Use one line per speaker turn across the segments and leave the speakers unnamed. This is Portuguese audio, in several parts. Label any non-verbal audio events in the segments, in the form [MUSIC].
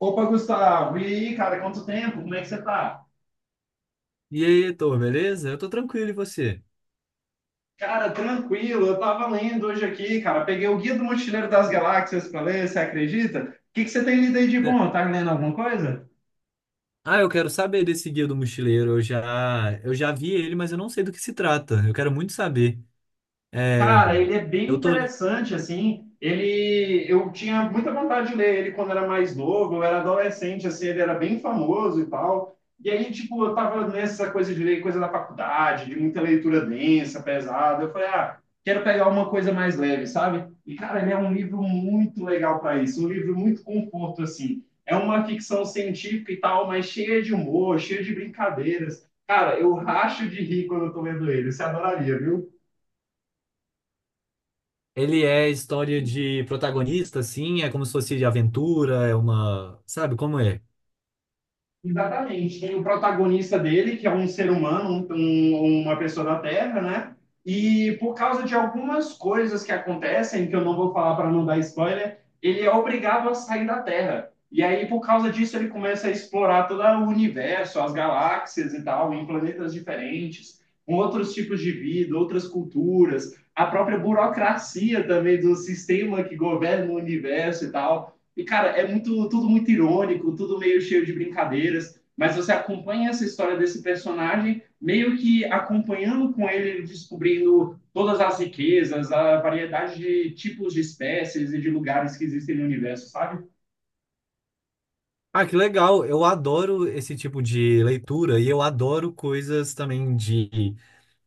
Opa, Gustavo, e aí, cara, quanto tempo? Como é que você tá?
E aí, Heitor, beleza? Eu tô tranquilo, e você?
Cara, tranquilo, eu tava lendo hoje aqui, cara, peguei o Guia do Mochileiro das Galáxias pra ler, você acredita? O que que você tem lido aí de
É.
bom? Tá lendo alguma coisa?
Ah, eu quero saber desse Guia do Mochileiro. Eu já vi ele, mas eu não sei do que se trata. Eu quero muito saber. É,
Cara, ele é bem
eu tô... le-
interessante, assim. Ele, eu tinha muita vontade de ler ele quando era mais novo, eu era adolescente, assim, ele era bem famoso e tal. E aí, tipo, eu tava nessa coisa de ler coisa da faculdade, de muita leitura densa, pesada. Eu falei, quero pegar uma coisa mais leve, sabe? E, cara, ele é um livro muito legal para isso, um livro muito conforto, assim. É uma ficção científica e tal, mas cheia de humor, cheia de brincadeiras. Cara, eu racho de rir quando eu tô lendo ele. Você adoraria, viu?
Ele é história de protagonista, assim? É como se fosse de aventura, é uma... Sabe como é?
Exatamente. Tem o protagonista dele, que é um ser humano, uma pessoa da Terra, né? E por causa de algumas coisas que acontecem, que eu não vou falar para não dar spoiler, ele é obrigado a sair da Terra. E aí, por causa disso, ele começa a explorar todo o universo, as galáxias e tal, em planetas diferentes, com outros tipos de vida, outras culturas, a própria burocracia também do sistema que governa o universo e tal. E, cara, é muito, tudo muito irônico, tudo meio cheio de brincadeiras, mas você acompanha essa história desse personagem, meio que acompanhando com ele, descobrindo todas as riquezas, a variedade de tipos de espécies e de lugares que existem no universo, sabe?
Ah, que legal! Eu adoro esse tipo de leitura e eu adoro coisas também de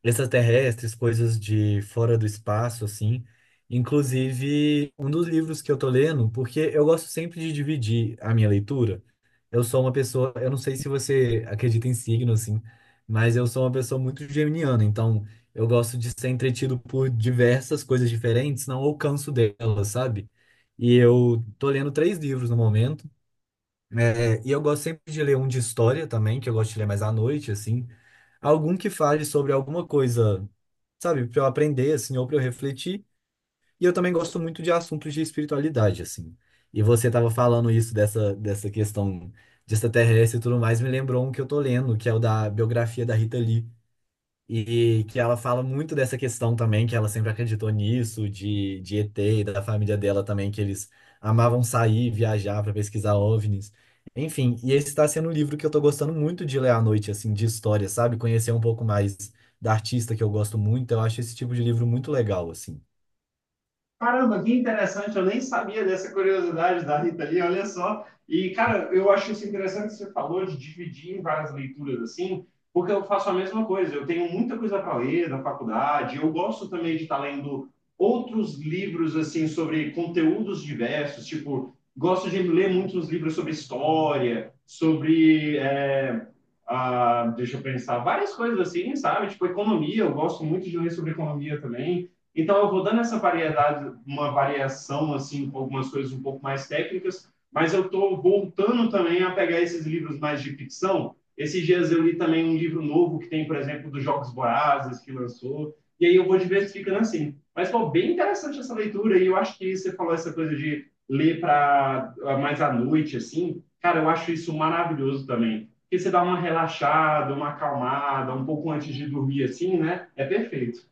extraterrestres, coisas de fora do espaço, assim. Inclusive, um dos livros que eu tô lendo, porque eu gosto sempre de dividir a minha leitura. Eu sou uma pessoa, eu não sei se você acredita em signo, assim, mas eu sou uma pessoa muito geminiana, então eu gosto de ser entretido por diversas coisas diferentes, não alcanço delas, sabe? E eu tô lendo três livros no momento. É, e eu gosto sempre de ler um de história também, que eu gosto de ler mais à noite, assim. Algum que fale sobre alguma coisa, sabe, para eu aprender, assim, ou para eu refletir. E eu também gosto muito de assuntos de espiritualidade, assim. E você estava falando isso dessa questão de extraterrestre e tudo mais, me lembrou um que eu tô lendo, que é o da biografia da Rita Lee. E que ela fala muito dessa questão também, que ela sempre acreditou nisso, de ET e da família dela também, que eles amavam sair, viajar para pesquisar OVNIs. Enfim, e esse está sendo um livro que eu tô gostando muito de ler à noite, assim, de história, sabe? Conhecer um pouco mais da artista que eu gosto muito. Eu acho esse tipo de livro muito legal, assim.
Caramba, que interessante, eu nem sabia dessa curiosidade da Rita ali, olha só. E, cara, eu acho isso interessante que você falou de dividir em várias leituras assim, porque eu faço a mesma coisa. Eu tenho muita coisa para ler da faculdade, eu gosto também de estar lendo outros livros, assim, sobre conteúdos diversos, tipo, gosto de ler muitos livros sobre história, deixa eu pensar, várias coisas assim, sabe? Tipo, economia, eu gosto muito de ler sobre economia também. Então, eu vou dando essa variedade, uma variação, assim, com algumas coisas um pouco mais técnicas, mas eu estou voltando também a pegar esses livros mais de ficção. Esses dias eu li também um livro novo que tem, por exemplo, dos Jogos Vorazes, que lançou, e aí eu vou diversificando assim. Mas foi bem interessante essa leitura, e eu acho que você falou essa coisa de ler para mais à noite, assim, cara, eu acho isso maravilhoso também. Porque você dá uma relaxada, uma acalmada, um pouco antes de dormir, assim, né? É perfeito.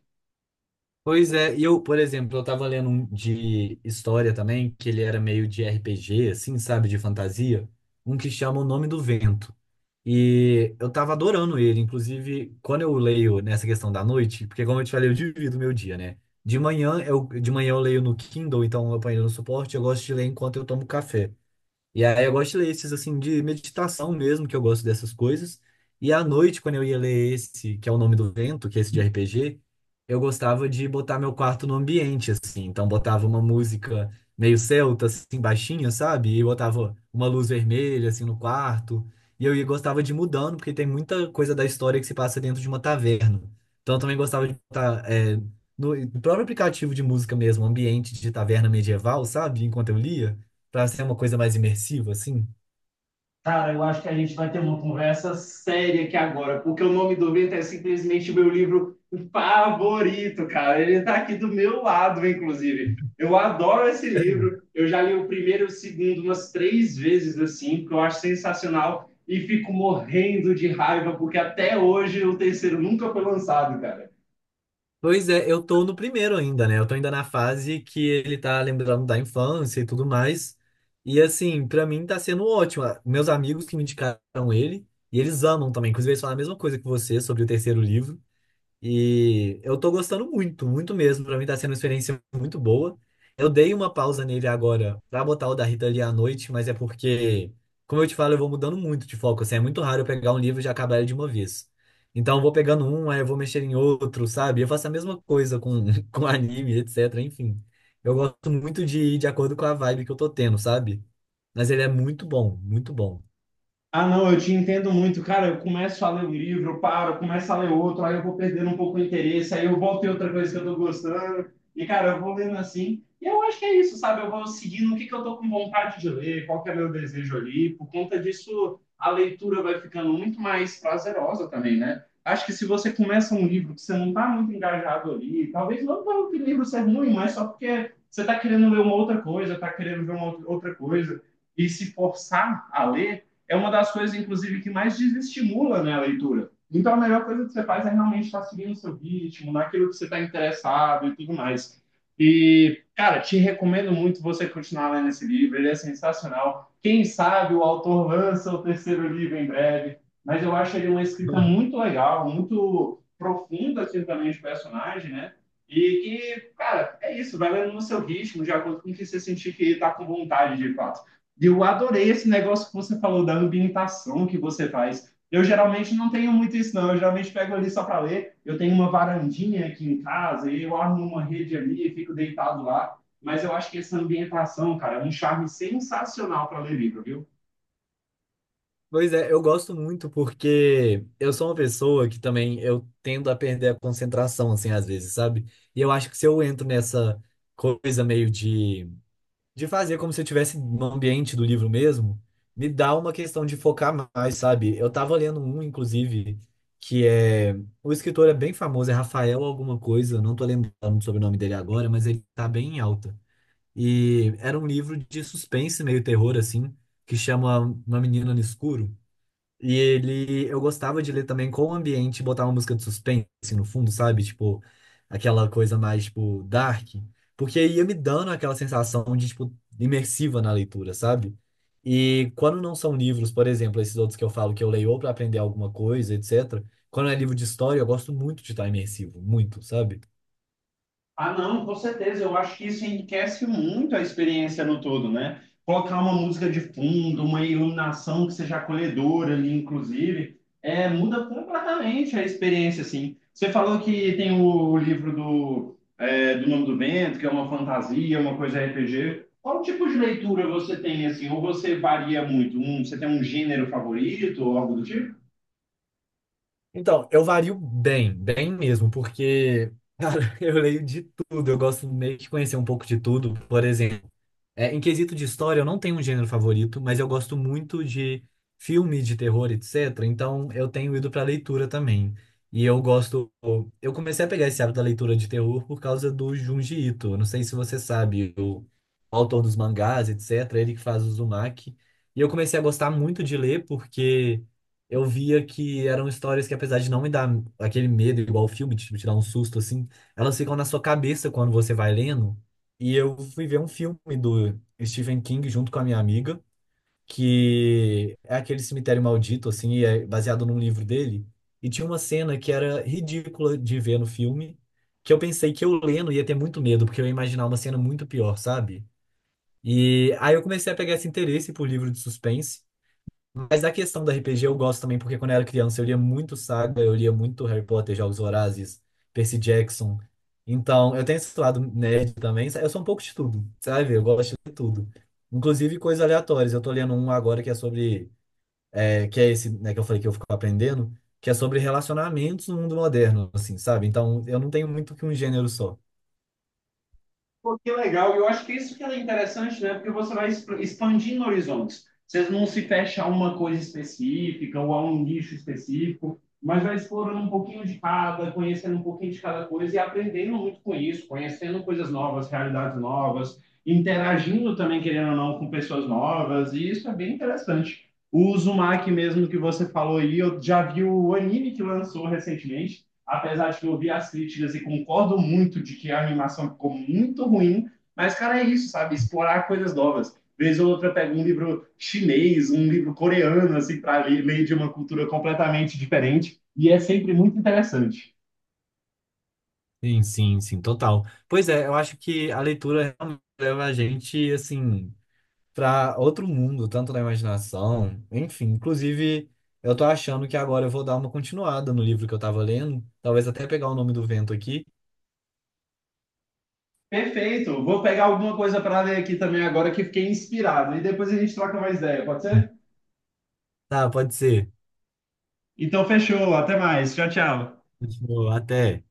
Pois é, e eu, por exemplo, eu tava lendo um de história também, que ele era meio de RPG, assim, sabe, de fantasia, um que chama O Nome do Vento. E eu tava adorando ele, inclusive, quando eu leio nessa questão da noite, porque como eu te falei, eu divido o meu dia, né? De manhã eu leio no Kindle, então eu ponho ele no suporte, eu gosto de ler enquanto eu tomo café. E aí eu gosto de ler esses, assim, de meditação mesmo, que eu gosto dessas coisas. E à noite, quando eu ia ler esse, que é o Nome do Vento, que é esse de RPG, eu gostava de botar meu quarto no ambiente, assim. Então botava uma música meio celta, assim, baixinha, sabe? E botava uma luz vermelha, assim, no quarto. E gostava de ir mudando, porque tem muita coisa da história que se passa dentro de uma taverna. Então eu também gostava de botar, no próprio aplicativo de música mesmo, ambiente de taverna medieval, sabe? Enquanto eu lia. Pra ser uma coisa mais imersiva, assim?
Cara, eu acho que a gente vai ter uma conversa séria aqui agora, porque o nome do vento é simplesmente meu livro favorito, cara. Ele tá aqui do meu lado, inclusive. Eu adoro esse livro.
[LAUGHS]
Eu já li o primeiro e o segundo umas três vezes, assim, porque eu acho sensacional e fico morrendo de raiva, porque até hoje o terceiro nunca foi lançado, cara.
Pois é, eu tô no primeiro ainda, né? Eu tô ainda na fase que ele tá lembrando da infância e tudo mais. E assim, pra mim tá sendo ótimo. Meus amigos que me indicaram ele, e eles amam também. Inclusive, eles falam a mesma coisa que você sobre o terceiro livro. E eu tô gostando muito, muito mesmo. Pra mim tá sendo uma experiência muito boa. Eu dei uma pausa nele agora pra botar o da Rita ali à noite, mas é porque, como eu te falo, eu vou mudando muito de foco. Assim, é muito raro eu pegar um livro e já acabar ele de uma vez. Então eu vou pegando um, aí eu vou mexer em outro, sabe? Eu faço a mesma coisa com, [LAUGHS] com anime, etc. Enfim, eu gosto muito de ir de acordo com a vibe que eu tô tendo, sabe? Mas ele é muito bom, muito bom.
Ah, não, eu te entendo muito. Cara, eu começo a ler um livro, eu paro, eu começo a ler outro, aí eu vou perdendo um pouco o interesse, aí eu volto em outra coisa que eu tô gostando. E, cara, eu vou lendo assim. E eu acho que é isso, sabe? Eu vou seguindo o que que eu tô com vontade de ler, qual que é meu desejo ali. Por conta disso, a leitura vai ficando muito mais prazerosa também, né? Acho que se você começa um livro que você não tá muito engajado ali, talvez não pelo que o livro ser ruim, mas só porque você tá querendo ler uma outra coisa, tá querendo ver uma outra coisa, e se forçar a ler é uma das coisas, inclusive, que mais desestimula né, a leitura. Então, a melhor coisa que você faz é realmente estar seguindo o seu ritmo, naquilo que você está interessado e tudo mais. E, cara, te recomendo muito você continuar lendo esse livro, ele é sensacional. Quem sabe o autor lança o terceiro livro em breve, mas eu acho ele uma escrita
[LAUGHS]
muito legal, muito profunda assim, também de personagem, né? E que, cara, é isso, vai lendo no seu ritmo, de acordo com o que você sentir que está com vontade de fato. Eu adorei esse negócio que você falou da ambientação que você faz. Eu geralmente não tenho muito isso, não. Eu geralmente pego ali só para ler. Eu tenho uma varandinha aqui em casa e eu armo uma rede ali e fico deitado lá. Mas eu acho que essa ambientação, cara, é um charme sensacional para ler livro, viu?
Pois é, eu gosto muito porque eu sou uma pessoa que também eu tendo a perder a concentração, assim, às vezes, sabe? E eu acho que se eu entro nessa coisa meio de fazer como se eu estivesse no ambiente do livro mesmo, me dá uma questão de focar mais, sabe? Eu tava lendo um, inclusive, que é... O escritor é bem famoso, é Rafael alguma coisa, eu não tô lembrando sobre o nome dele agora, mas ele tá bem em alta. E era um livro de suspense, meio terror, assim, que chama Uma Menina no Escuro. E ele, eu gostava de ler também com o ambiente, botar uma música de suspense assim no fundo, sabe? Tipo, aquela coisa mais, tipo, dark. Porque ia me dando aquela sensação de, tipo, imersiva na leitura, sabe? E quando não são livros, por exemplo, esses outros que eu falo que eu leio ou pra aprender alguma coisa, etc. Quando é livro de história, eu gosto muito de estar imersivo, muito, sabe?
Ah, não, com certeza. Eu acho que isso enriquece muito a experiência no todo, né? Colocar uma música de fundo, uma iluminação que seja acolhedora ali, inclusive, muda completamente a experiência, assim. Você falou que tem o livro do Nome do Vento, que é uma fantasia, uma coisa RPG. Qual tipo de leitura você tem, assim? Ou você varia muito? Você tem um gênero favorito ou algo do tipo?
Então, eu vario bem mesmo, porque, cara, [LAUGHS] eu leio de tudo, eu gosto meio que conhecer um pouco de tudo, por exemplo. É, em quesito de história, eu não tenho um gênero favorito, mas eu gosto muito de filme de terror, etc. Então, eu tenho ido para leitura também. E eu gosto. Eu comecei a pegar esse hábito da leitura de terror por causa do Junji Ito. Eu Não sei se você sabe, o autor dos mangás, etc. Ele que faz o Uzumaki. E eu comecei a gostar muito de ler porque eu via que eram histórias que, apesar de não me dar aquele medo igual o filme, tipo, te dar um susto assim, elas ficam na sua cabeça quando você vai lendo. E eu fui ver um filme do Stephen King junto com a minha amiga, que é aquele Cemitério Maldito, assim, e é baseado num livro dele. E tinha uma cena que era ridícula de ver no filme, que eu pensei que eu lendo ia ter muito medo, porque eu ia imaginar uma cena muito pior, sabe? E aí eu comecei a pegar esse interesse por livro de suspense. Mas da questão do RPG eu gosto também, porque quando eu era criança eu lia muito Saga, eu lia muito Harry Potter, Jogos Vorazes, Percy Jackson. Então, eu tenho esse lado nerd também. Eu sou um pouco de tudo, sabe? Eu gosto de tudo. Inclusive coisas aleatórias. Eu tô lendo um agora que é sobre... que é esse, né, que eu falei que eu fico aprendendo, que é sobre relacionamentos no mundo moderno, assim, sabe? Então, eu não tenho muito que um gênero só.
Pô, que legal. Eu acho que isso que é interessante, né? Porque você vai expandindo horizontes. Você não se fecha a uma coisa específica ou a um nicho específico, mas vai explorando um pouquinho de cada, conhecendo um pouquinho de cada coisa e aprendendo muito com isso, conhecendo coisas novas, realidades novas, interagindo também, querendo ou não, com pessoas novas. E isso é bem interessante. O Uzumaki mesmo que você falou aí, eu já vi o anime que lançou recentemente apesar de que eu vi as críticas e concordo muito de que a animação ficou muito ruim, mas, cara, é isso, sabe? Explorar coisas novas. Vez ou outra pega um livro chinês, um livro coreano, assim, para ler de uma cultura completamente diferente, e é sempre muito interessante.
Sim, sim, sim, total. Pois é, eu acho que a leitura realmente leva a gente, assim... para outro mundo, tanto na imaginação, enfim. Inclusive, eu tô achando que agora eu vou dar uma continuada no livro que eu tava lendo, talvez até pegar o nome do vento aqui.
Perfeito, vou pegar alguma coisa para ler aqui também agora que fiquei inspirado, e depois a gente troca mais ideia, pode ser?
Tá, pode ser.
Então, fechou, até mais, tchau, tchau.
Continua, Até.